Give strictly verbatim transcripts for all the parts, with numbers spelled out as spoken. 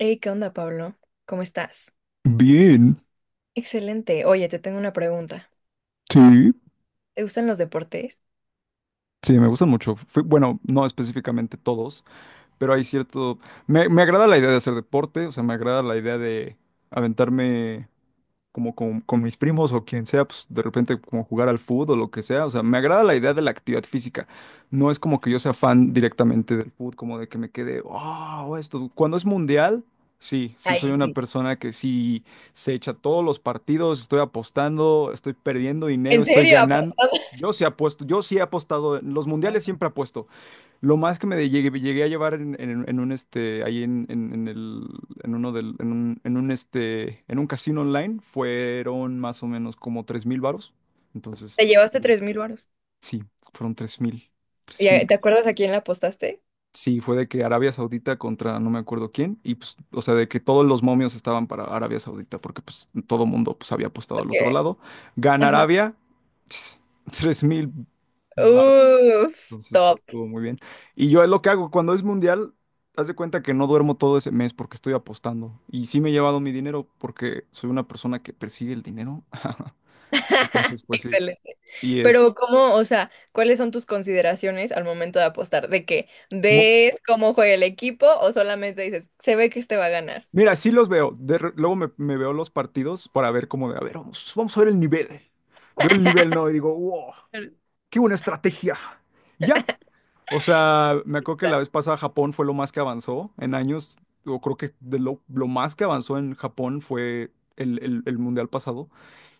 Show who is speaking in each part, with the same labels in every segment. Speaker 1: Hey, ¿qué onda, Pablo? ¿Cómo estás?
Speaker 2: Bien,
Speaker 1: Excelente. Oye, te tengo una pregunta.
Speaker 2: sí,
Speaker 1: ¿Te gustan los deportes?
Speaker 2: sí, me gustan mucho. Fui- bueno, no específicamente todos, pero hay cierto... Me, me agrada la idea de hacer deporte, o sea, me agrada la idea de aventarme como con, con mis primos o quien sea, pues de repente como jugar al fútbol o lo que sea. O sea, me agrada la idea de la actividad física. No es como que yo sea fan directamente del fútbol, como de que me quede, oh, esto. Cuando es mundial, sí, sí soy
Speaker 1: Ahí
Speaker 2: una
Speaker 1: sí.
Speaker 2: persona que sí se echa todos los partidos, estoy apostando, estoy perdiendo dinero,
Speaker 1: ¿En
Speaker 2: estoy
Speaker 1: serio?
Speaker 2: ganando.
Speaker 1: ¿Apostaste?
Speaker 2: Yo sí apuesto, yo sí he apostado, en los mundiales siempre apuesto. Lo más que me de- llegué, llegué a llevar en, en- en un este, ahí en, en- en el, en uno del, en un, en un este, en un casino online fueron más o menos como tres mil varos. Entonces,
Speaker 1: ¿Te llevaste tres mil varos?
Speaker 2: sí, fueron tres mil.
Speaker 1: ¿Y a- ¿Te acuerdas a quién la apostaste?
Speaker 2: Sí, fue de que Arabia Saudita contra no me acuerdo quién, y pues, o sea, de que todos los momios estaban para Arabia Saudita, porque pues todo mundo pues había apostado al
Speaker 1: Ok.
Speaker 2: otro lado. Gana
Speaker 1: Ajá.
Speaker 2: Arabia, tres mil varos.
Speaker 1: Uf,
Speaker 2: Entonces, pues,
Speaker 1: top.
Speaker 2: estuvo muy bien. Y yo es lo que hago cuando es mundial, haz de cuenta que no duermo todo ese mes porque estoy apostando. Y sí me he llevado mi dinero porque soy una persona que persigue el dinero. Entonces, pues sí.
Speaker 1: Excelente.
Speaker 2: Y es,
Speaker 1: Pero ¿cómo, o sea, cuáles son tus consideraciones al momento de apostar? ¿De qué? ¿Ves cómo juega el equipo o solamente dices, se ve que este va a ganar?
Speaker 2: mira, sí los veo. De re- luego me, me veo los partidos para ver cómo de, a ver, vamos, vamos a ver el nivel. Veo el nivel, ¿no? Y digo, wow,
Speaker 1: Claro.
Speaker 2: qué buena estrategia. Y ya, o sea, me acuerdo que la vez pasada Japón fue lo más que avanzó en años. Yo creo que de lo, lo más que avanzó en Japón fue el, el- el mundial pasado.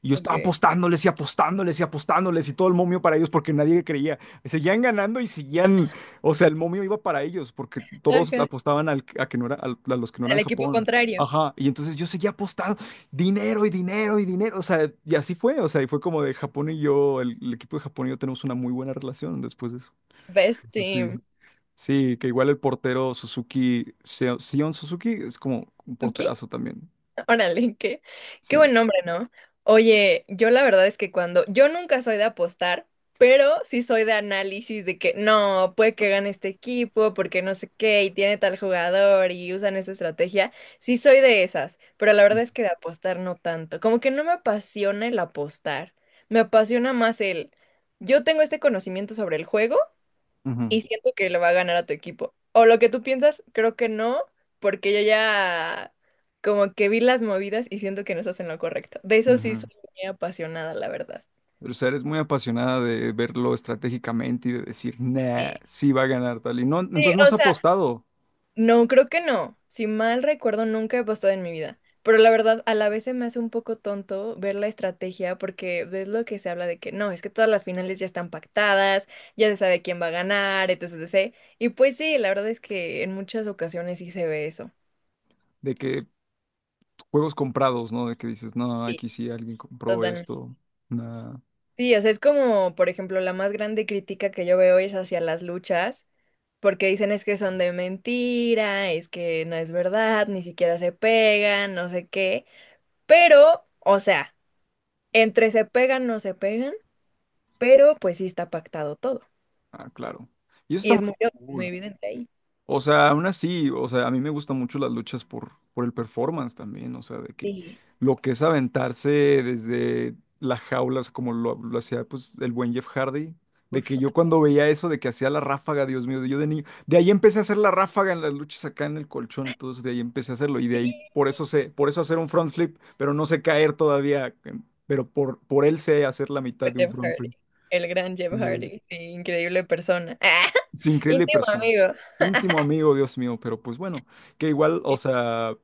Speaker 2: Y yo estaba
Speaker 1: Ok.
Speaker 2: apostándoles y apostándoles y apostándoles y todo el momio para ellos porque nadie creía. Seguían ganando y seguían. O sea, el momio iba para ellos porque todos
Speaker 1: Ajá.
Speaker 2: apostaban al, a, que no era, al- a los que no
Speaker 1: El
Speaker 2: eran
Speaker 1: equipo
Speaker 2: Japón.
Speaker 1: contrario.
Speaker 2: Ajá. Y entonces yo seguía apostando dinero y dinero y dinero. O sea, y así fue. O sea, y fue como de Japón y yo, el, el equipo de Japón y yo tenemos una muy buena relación después de eso.
Speaker 1: Best
Speaker 2: Entonces sí.
Speaker 1: team.
Speaker 2: Sí, que igual el portero Suzuki, Seo- Sion Suzuki, es como un
Speaker 1: ¿Tú
Speaker 2: porterazo también.
Speaker 1: Órale, qué, qué
Speaker 2: Sí.
Speaker 1: buen nombre, ¿no? Oye, yo la verdad es que cuando, yo nunca soy de apostar, pero sí soy de análisis de que no, puede que gane este equipo porque no sé qué y tiene tal jugador y usan esa estrategia. Sí soy de esas, pero la verdad
Speaker 2: Ujú.
Speaker 1: es que de apostar no tanto. Como que no me apasiona el apostar, me apasiona más el, yo tengo este conocimiento sobre el juego
Speaker 2: Ujú.
Speaker 1: y siento que le va a ganar a tu equipo. O lo que tú piensas, creo que no, porque yo ya como que vi las movidas y siento que no estás en lo correcto. De eso sí soy muy apasionada, la verdad.
Speaker 2: Pero, o sea, eres muy apasionada de verlo estratégicamente y de decir, nah,
Speaker 1: Sí,
Speaker 2: sí va a ganar tal. Y no,
Speaker 1: sí,
Speaker 2: entonces no has
Speaker 1: o sea,
Speaker 2: apostado
Speaker 1: no, creo que no. Si mal recuerdo, nunca he apostado en mi vida. Pero la verdad, a la vez se me hace un poco tonto ver la estrategia porque ves lo que se habla de que no, es que todas las finales ya están pactadas, ya se sabe quién va a ganar, etc, etcétera. Y pues sí, la verdad es que en muchas ocasiones sí se ve eso.
Speaker 2: de que juegos comprados, ¿no? De que dices, no,
Speaker 1: Sí.
Speaker 2: aquí sí alguien compró esto. Nah.
Speaker 1: Sí, o sea, es como, por ejemplo, la más grande crítica que yo veo es hacia las luchas, porque dicen es que son de mentira, es que no es verdad, ni siquiera se pegan, no sé qué. Pero, o sea, entre se pegan, no se pegan, pero pues sí está pactado todo.
Speaker 2: Ah, claro. Y eso
Speaker 1: Y
Speaker 2: está muy
Speaker 1: es muy, muy
Speaker 2: cool.
Speaker 1: evidente ahí.
Speaker 2: O sea, aún así, o sea, a mí me gustan mucho las luchas por, por el performance también, o sea, de que
Speaker 1: Sí.
Speaker 2: lo que es aventarse desde las jaulas, como lo, lo hacía pues el buen Jeff Hardy, de
Speaker 1: Uf.
Speaker 2: que yo cuando veía eso, de que hacía la ráfaga, Dios mío, yo de niño, de ahí empecé a hacer la ráfaga en las luchas acá en el colchón, entonces de ahí empecé a hacerlo y de
Speaker 1: Sí,
Speaker 2: ahí por eso sé, por eso hacer un front flip, pero no sé caer todavía, em, pero por, por él sé hacer la mitad
Speaker 1: con
Speaker 2: de un
Speaker 1: Jeff
Speaker 2: front
Speaker 1: Hardy,
Speaker 2: flip.
Speaker 1: el gran Jeff Hardy, sí, increíble persona.
Speaker 2: Es increíble
Speaker 1: Íntimo
Speaker 2: persona.
Speaker 1: amigo.
Speaker 2: Íntimo amigo, Dios mío, pero pues bueno, que igual, o sea,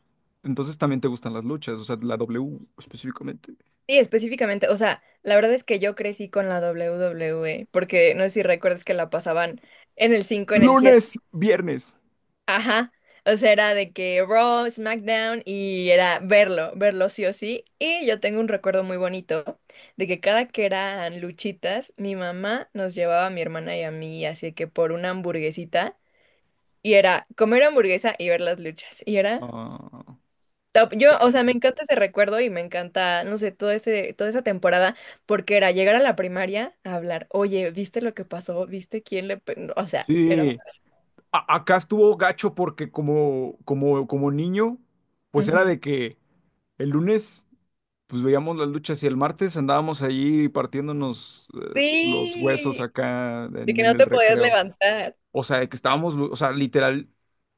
Speaker 2: entonces también te gustan las luchas, o sea, la W específicamente.
Speaker 1: Sí, específicamente, o sea, la verdad es que yo crecí con la W W E, porque no sé si recuerdas que la pasaban en el cinco, en el siete,
Speaker 2: Lunes, viernes.
Speaker 1: ajá, o sea, era de que Raw, SmackDown y era verlo, verlo, sí o sí, y yo tengo un recuerdo muy bonito de que cada que eran luchitas, mi mamá nos llevaba a mi hermana y a mí, así que por una hamburguesita, y era comer hamburguesa y ver las luchas, y era
Speaker 2: Ah,
Speaker 1: top. Yo, o sea, me
Speaker 2: sí.
Speaker 1: encanta ese recuerdo y me encanta, no sé, todo ese, toda esa temporada, porque era llegar a la primaria a hablar, oye, ¿viste lo que pasó? ¿Viste quién le...? pe-?" O sea, era...
Speaker 2: Sí, A- acá estuvo gacho porque como, como, como niño, pues era
Speaker 1: ujú.
Speaker 2: de que el lunes, pues veíamos las luchas y el martes andábamos allí partiéndonos eh, los huesos
Speaker 1: Sí,
Speaker 2: acá
Speaker 1: de
Speaker 2: en
Speaker 1: que
Speaker 2: en
Speaker 1: no
Speaker 2: el
Speaker 1: te podías
Speaker 2: recreo.
Speaker 1: levantar.
Speaker 2: O sea, de que estábamos, o sea, literal,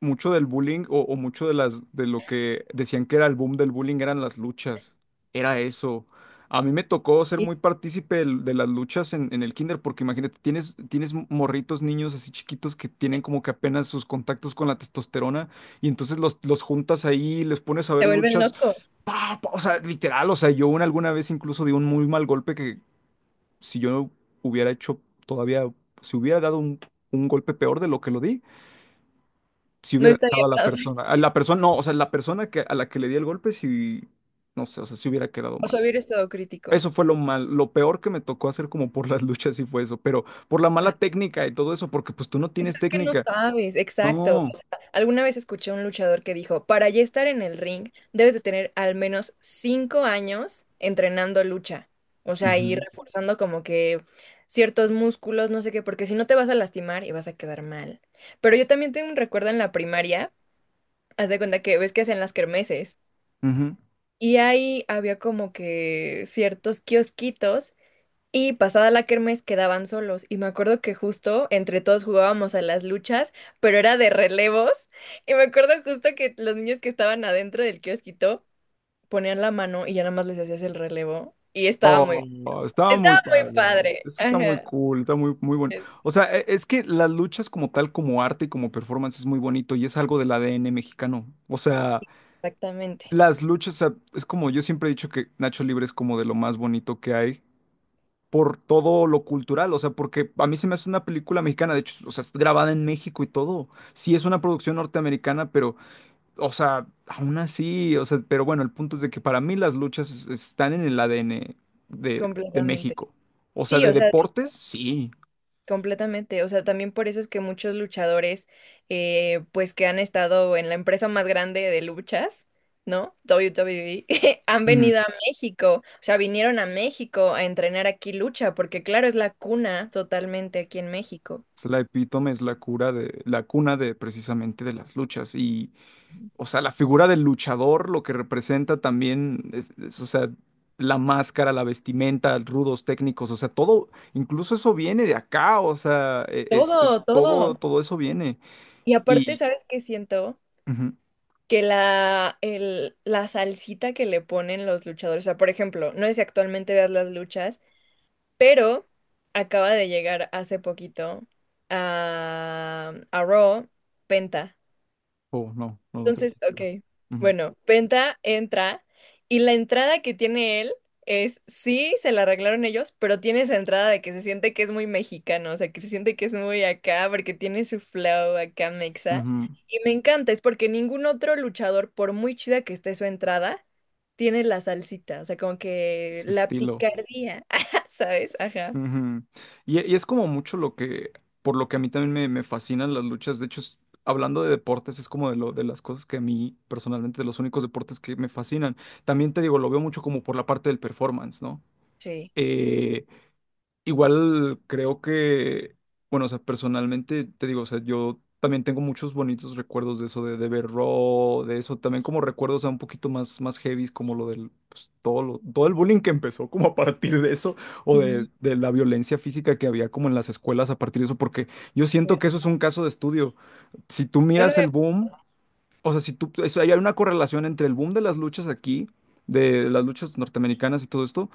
Speaker 2: mucho del bullying o, o mucho de las, de lo que decían que era el boom del bullying eran las luchas. Era eso. A mí me tocó ser
Speaker 1: Sí,
Speaker 2: muy partícipe del- de, las luchas en, en el kinder, porque imagínate, tienes, tienes morritos, niños así chiquitos que tienen como que apenas sus contactos con la testosterona, y entonces los, los juntas ahí, les pones a ver
Speaker 1: se vuelven
Speaker 2: luchas.
Speaker 1: locos.
Speaker 2: Pa, pa, o sea, literal, o sea, yo una, alguna vez incluso di un muy mal golpe si yo no hubiera hecho todavía, si hubiera dado un, un golpe peor de lo que lo di, si
Speaker 1: No
Speaker 2: hubiera
Speaker 1: estaría
Speaker 2: dejado a la
Speaker 1: hablando.
Speaker 2: persona, a la persona, no, o sea, la persona que, a la que le di el golpe, si, no sé, o sea, si hubiera quedado
Speaker 1: O
Speaker 2: mal.
Speaker 1: sea, hubiera estado crítico.
Speaker 2: Eso fue lo mal, lo peor que me tocó hacer como por las luchas y fue eso, pero por la mala técnica y todo eso, porque pues tú no
Speaker 1: Pues
Speaker 2: tienes
Speaker 1: es que no
Speaker 2: técnica.
Speaker 1: sabes, exacto. O
Speaker 2: No.
Speaker 1: sea, alguna vez escuché a un luchador que dijo, para ya estar en el ring, debes de tener al menos cinco años entrenando lucha. O sea, y
Speaker 2: Ujú,
Speaker 1: reforzando como que ciertos músculos, no sé qué, porque si no te vas a lastimar y vas a quedar mal. Pero yo también tengo un recuerdo en la primaria, haz de cuenta que ves que hacen las kermeses.
Speaker 2: ujú.
Speaker 1: Y ahí había como que ciertos kiosquitos y pasada la kermés quedaban solos. Y me acuerdo que justo entre todos jugábamos a las luchas, pero era de relevos. Y me acuerdo justo que los niños que estaban adentro del kiosquito ponían la mano y ya nada más les hacías el relevo. Y estaba muy,
Speaker 2: Oh, estaba muy
Speaker 1: estaba muy
Speaker 2: padre.
Speaker 1: padre.
Speaker 2: Esto está muy
Speaker 1: Ajá.
Speaker 2: cool, está muy, muy bueno. O sea, e- es que las luchas como tal, como arte y como performance es muy bonito y es algo del A D N mexicano. O sea,
Speaker 1: Exactamente.
Speaker 2: las luchas, o sea, es como yo siempre he dicho que Nacho Libre es como de lo más bonito que hay por todo lo cultural. O sea, porque a mí se me hace una película mexicana, de hecho, o sea, es grabada en México y todo. Sí, es una producción norteamericana, pero o sea, aún así, o sea, pero bueno, el punto es de que para mí las luchas es- están en el A D N de, de
Speaker 1: Completamente.
Speaker 2: México. O sea,
Speaker 1: Sí,
Speaker 2: de
Speaker 1: o sea,
Speaker 2: deportes, sí.
Speaker 1: completamente, o sea, también por eso es que muchos luchadores, eh, pues que han estado en la empresa más grande de luchas, ¿no? W W E, han
Speaker 2: Ujú.
Speaker 1: venido a México, o sea, vinieron a México a entrenar aquí lucha, porque claro, es la cuna totalmente aquí en México.
Speaker 2: Es la epítome, es la cura de, la cuna de precisamente de las luchas. Y, o sea, la figura del luchador, lo que representa también, es, es, o sea, la máscara, la vestimenta, rudos técnicos, o sea, todo, incluso eso viene de acá, o sea, e- es,
Speaker 1: Todo,
Speaker 2: es
Speaker 1: todo.
Speaker 2: todo, todo eso viene.
Speaker 1: Y aparte,
Speaker 2: Y,
Speaker 1: ¿sabes qué siento?
Speaker 2: ujú.
Speaker 1: Que la, el, la salsita que le ponen los luchadores, o sea, por ejemplo, no sé si actualmente veas las luchas. Pero acaba de llegar hace poquito a, a Raw Penta.
Speaker 2: Oh, no, no, no tenía
Speaker 1: Entonces,
Speaker 2: idea.
Speaker 1: ok,
Speaker 2: Ujú.
Speaker 1: bueno, Penta entra y la entrada que tiene él es, sí, se la arreglaron ellos, pero tiene su entrada de que se siente que es muy mexicano, o sea, que se siente que es muy acá porque tiene su flow acá mexa.
Speaker 2: Ujú,
Speaker 1: Y me encanta, es porque ningún otro luchador, por muy chida que esté su entrada, tiene la salsita, o sea, como que
Speaker 2: ese
Speaker 1: la
Speaker 2: estilo.
Speaker 1: picardía, ¿sabes? Ajá.
Speaker 2: Ujú. Y, y es como mucho lo que, por lo que a mí también me, me fascinan las luchas. De hecho, es- hablando de deportes, es como de, lo, de las cosas que a mí personalmente, de los únicos deportes que me fascinan. También te digo, lo veo mucho como por la parte del performance, ¿no?
Speaker 1: Sí.
Speaker 2: Eh, igual creo que, bueno, o sea, personalmente te digo, o sea, yo también tengo muchos bonitos recuerdos de eso, de, de ver Raw, de eso, también como recuerdos, o sea, un poquito más, más heavy, como lo del, pues, todo lo, todo el bullying que empezó como a partir de eso, o de,
Speaker 1: Sí,
Speaker 2: de la violencia física que había como en las escuelas a partir de eso, porque yo siento que
Speaker 1: fuerte.
Speaker 2: eso es un caso de estudio. Si tú
Speaker 1: No lo
Speaker 2: miras el
Speaker 1: veo
Speaker 2: boom, o sea, si tú, eso- hay una correlación entre el boom de las luchas aquí, de las luchas norteamericanas y todo esto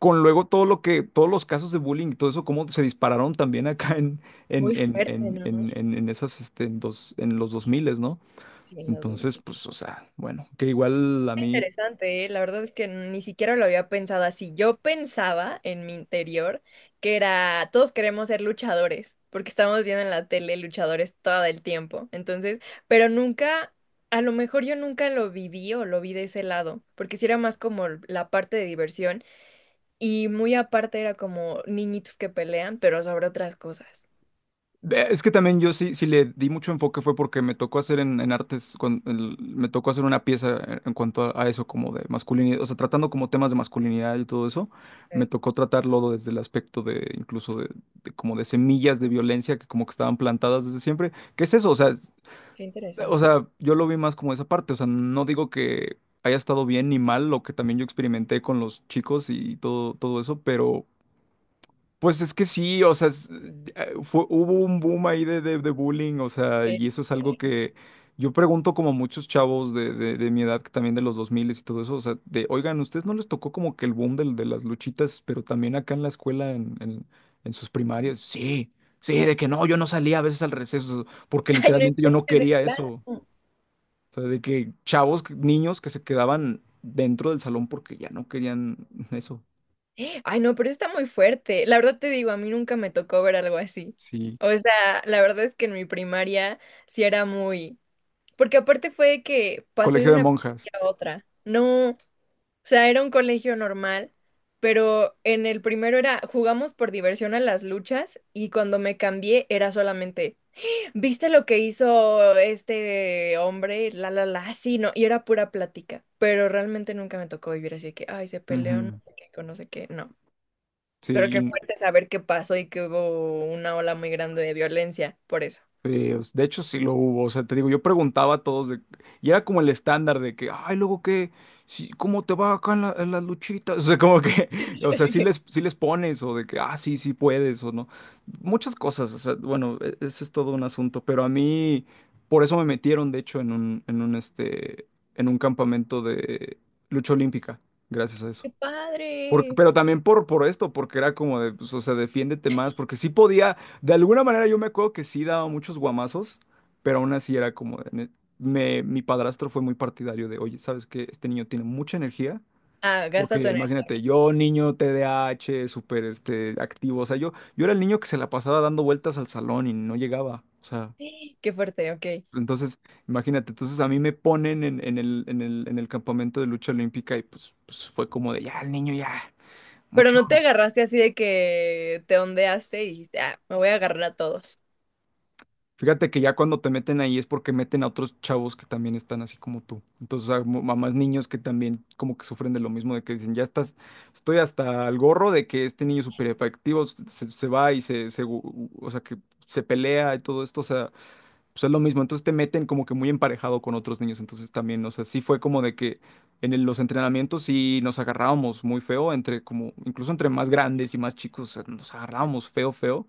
Speaker 2: con luego todo lo que, todos los casos de bullying y todo eso, cómo se dispararon también acá en, en,
Speaker 1: muy
Speaker 2: en,
Speaker 1: fuerte,
Speaker 2: en,
Speaker 1: ¿no?
Speaker 2: en, en- en esas, este, en, dos, en los dos mil, ¿no?
Speaker 1: Sí, en los dos
Speaker 2: Entonces,
Speaker 1: mil
Speaker 2: pues, o sea, bueno, que igual a mí,
Speaker 1: Interesante, ¿eh? La verdad es que ni siquiera lo había pensado así. Yo pensaba en mi interior que era, todos queremos ser luchadores, porque estamos viendo en la tele luchadores todo el tiempo. Entonces, pero nunca, a lo mejor yo nunca lo viví o lo vi de ese lado, porque si era más como la parte de diversión y muy aparte era como niñitos que pelean, pero sobre otras cosas.
Speaker 2: eh, es que también yo sí, sí le di mucho enfoque fue porque me tocó hacer en, en artes, cuan- el- me tocó hacer una pieza en, en cuanto a, a eso, como de masculinidad, o sea, tratando como temas de masculinidad y todo eso, me
Speaker 1: Ok.
Speaker 2: tocó tratarlo desde el aspecto de, incluso de, de como de semillas de violencia que como que estaban plantadas desde siempre. ¿Qué es eso? O sea,
Speaker 1: Qué
Speaker 2: o
Speaker 1: interesante.
Speaker 2: sea, yo lo vi más como esa parte, o sea, no digo que haya estado bien ni mal lo que también yo experimenté con los chicos y todo, todo eso, pero pues es que sí, o sea, es- eh, fue, hubo un boom ahí de, de, de bullying, o sea, y eso es algo que yo pregunto como muchos chavos de, de, de mi edad, que también de los dos mil y todo eso, o sea, de, oigan, ¿ustedes no les tocó como que el boom del- de, las luchitas, pero también acá en la escuela, en, en, en sus primarias? Sí, sí, de que no, yo no salía a veces al receso, porque
Speaker 1: Ay, no
Speaker 2: literalmente yo no
Speaker 1: inventes de
Speaker 2: quería eso.
Speaker 1: plano.
Speaker 2: O sea, de que chavos, que- niños que se quedaban dentro del salón porque ya no querían eso.
Speaker 1: Ay, no, pero está muy fuerte. La verdad te digo, a mí nunca me tocó ver algo así.
Speaker 2: Sí,
Speaker 1: O sea, la verdad es que en mi primaria sí era muy... Porque aparte fue de que pasé de
Speaker 2: colegio de
Speaker 1: una
Speaker 2: monjas.
Speaker 1: primaria a otra. No, o sea, era un colegio normal, pero en el primero era jugamos por diversión a las luchas y cuando me cambié era solamente. ¿Viste lo que hizo este hombre? La, la, la, ah, sí, no, y era pura plática, pero realmente nunca me tocó vivir así de que, ay, se peleó, no
Speaker 2: Ujú.
Speaker 1: sé qué, con no sé qué, no. Pero qué
Speaker 2: Sí,
Speaker 1: fuerte saber qué pasó y que hubo una ola muy grande de violencia, por eso.
Speaker 2: sí, o s- de hecho sí lo hubo, o sea, te digo, yo preguntaba a todos de- y era como el estándar de que, ay, luego qué, sí, ¿cómo te va acá en la- en las luchitas? O sea, como que, o sea, sí les, sí les pones o de que, ah, sí, sí puedes o no. Muchas cosas, o sea, bueno, e- eso es todo un asunto, pero a mí, por eso me metieron, de hecho, en un, en un, este, en un campamento de lucha olímpica, gracias a
Speaker 1: ¡Qué
Speaker 2: eso. Por-
Speaker 1: padre!
Speaker 2: pero también por, por esto, porque era como de, pues, o sea, defiéndete más, porque sí podía, de alguna manera yo me acuerdo que sí daba muchos guamazos, pero aún así era como de, ne- me, mi padrastro fue muy partidario de, oye, ¿sabes qué? Este niño tiene mucha energía,
Speaker 1: Ah, gasta tu
Speaker 2: porque
Speaker 1: energía.
Speaker 2: imagínate, yo niño te de a hache súper este, activo, o sea, yo, yo era el niño que se la pasaba dando vueltas al salón y no llegaba, o sea,
Speaker 1: Qué fuerte, ok.
Speaker 2: entonces, imagínate, entonces a mí me ponen en, en el, en el, en el campamento de lucha olímpica y pues, pues fue como de, ya, el niño ya.
Speaker 1: Pero
Speaker 2: Mucho.
Speaker 1: no te agarraste así de que te ondeaste y dijiste, ah, me voy a agarrar a todos.
Speaker 2: Fíjate que ya cuando te meten ahí es porque meten a otros chavos que también están así como tú. Entonces, a mamás niños que también como que sufren de lo mismo, de que dicen, ya estás, estoy hasta el gorro de que este niño súper efectivo se, se va y se, se gu- o sea, que se pelea y todo esto, o sea, pues es lo mismo. Entonces te meten como que muy emparejado con otros niños. Entonces también, o sea, sí fue como de que en el- los entrenamientos sí nos agarrábamos muy feo, entre como, incluso entre más grandes y más chicos, o sea, nos agarrábamos feo, feo.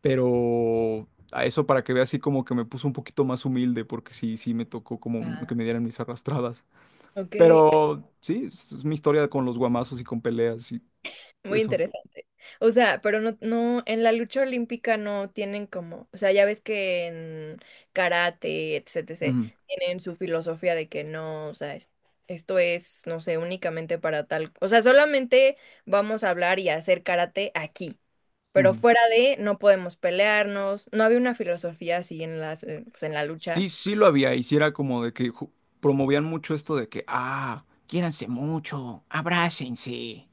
Speaker 2: Pero a eso para que vea así como que me puso un poquito más humilde, porque sí, sí me tocó como que
Speaker 1: Ah,
Speaker 2: me dieran mis arrastradas.
Speaker 1: ok.
Speaker 2: Pero sí, es es mi historia con los guamazos y con peleas y
Speaker 1: Muy
Speaker 2: eso.
Speaker 1: interesante. O sea, pero no, no, en la lucha olímpica no tienen como, o sea, ya ves que en karate, etcétera,
Speaker 2: Ujú,
Speaker 1: tienen su filosofía de que no, o sea, es- esto es, no sé, únicamente para tal, o sea, solamente vamos a hablar y a hacer karate aquí, pero
Speaker 2: ujú.
Speaker 1: fuera de, no podemos pelearnos, no había una filosofía así en las, eh, pues en la lucha.
Speaker 2: Sí, sí lo había, y sí era como de que ju- promovían mucho esto de que, ah, quiéranse mucho, abrácense.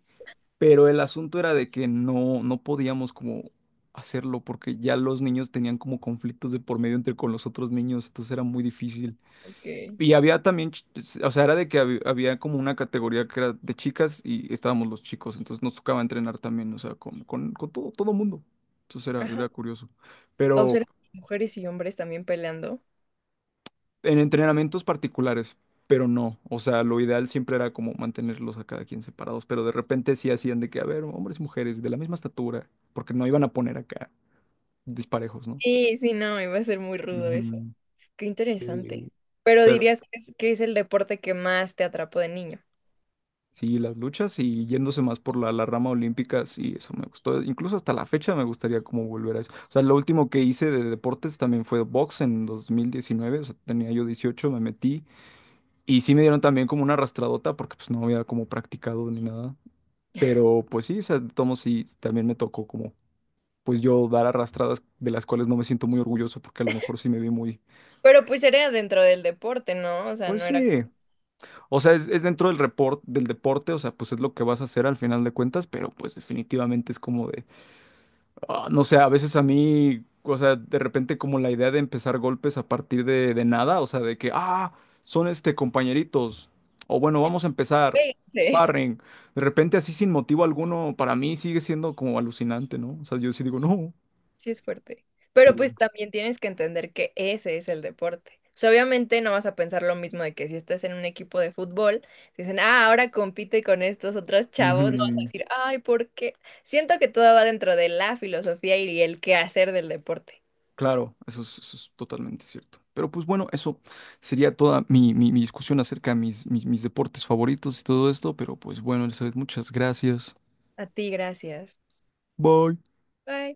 Speaker 2: Pero el asunto era de que no, no podíamos como hacerlo porque ya los niños tenían como conflictos de por medio entre con los otros niños, entonces era muy difícil.
Speaker 1: Ok.
Speaker 2: Y había también, ch- o sea, era de que hab- había, como una categoría que era de chicas y estábamos los chicos, entonces nos tocaba entrenar también, o sea, con, con, con todo, todo mundo. Entonces era,
Speaker 1: Ajá.
Speaker 2: era curioso.
Speaker 1: O
Speaker 2: Pero
Speaker 1: sea, mujeres y hombres también peleando.
Speaker 2: en entrenamientos particulares, pero no, o sea, lo ideal siempre era como mantenerlos a cada quien separados, pero de repente sí hacían de que, a ver, hombres y mujeres de la misma estatura, porque no iban a poner acá disparejos, ¿no?
Speaker 1: Sí, sí, no, iba a ser muy rudo eso.
Speaker 2: Ujú.
Speaker 1: Qué interesante.
Speaker 2: Sí.
Speaker 1: Pero dirías que es, que es el deporte que más te atrapó de niño.
Speaker 2: Sí, las luchas y yéndose más por la, la rama olímpica, sí, eso me gustó. Incluso hasta la fecha me gustaría como volver a eso. O sea, lo último que hice de deportes también fue box en dos mil diecinueve, o sea, tenía yo dieciocho, me metí y sí me dieron también como una arrastradota porque pues no había como practicado ni nada. Pero pues sí, o sea, de todos modos, sí, también me tocó como pues yo dar arrastradas de las cuales no me siento muy orgulloso porque a lo mejor sí me vi muy,
Speaker 1: Pero pues era dentro del deporte, ¿no? O sea,
Speaker 2: pues
Speaker 1: no era
Speaker 2: sí,
Speaker 1: como,
Speaker 2: o sea, es, es dentro del report, del deporte, o sea, pues es lo que vas a hacer al final de cuentas, pero pues definitivamente es como de… Ah, no sé, a veces a mí, o sea, de repente como la idea de empezar golpes a partir de, de nada, o sea, de que, ah, son este compañeritos, o bueno, vamos a empezar,
Speaker 1: "Vente".
Speaker 2: sparring, de repente así sin motivo alguno, para mí sigue siendo como alucinante, ¿no? O sea, yo sí digo, no,
Speaker 1: Sí es fuerte. Pero pues
Speaker 2: sí.
Speaker 1: también tienes que entender que ese es el deporte. O sea, obviamente no vas a pensar lo mismo de que si estás en un equipo de fútbol, dicen, ah, ahora compite con estos otros chavos, no vas a
Speaker 2: Ujú.
Speaker 1: decir, ay, ¿por qué? Siento que todo va dentro de la filosofía y el quehacer del deporte.
Speaker 2: Claro, eso es, eso es totalmente cierto. Pero pues bueno, eso sería toda mi, mi- mi discusión acerca de mis, mis, mis deportes favoritos y todo esto, pero pues bueno, Elizabeth, muchas gracias.
Speaker 1: A ti, gracias.
Speaker 2: Bye.
Speaker 1: Bye.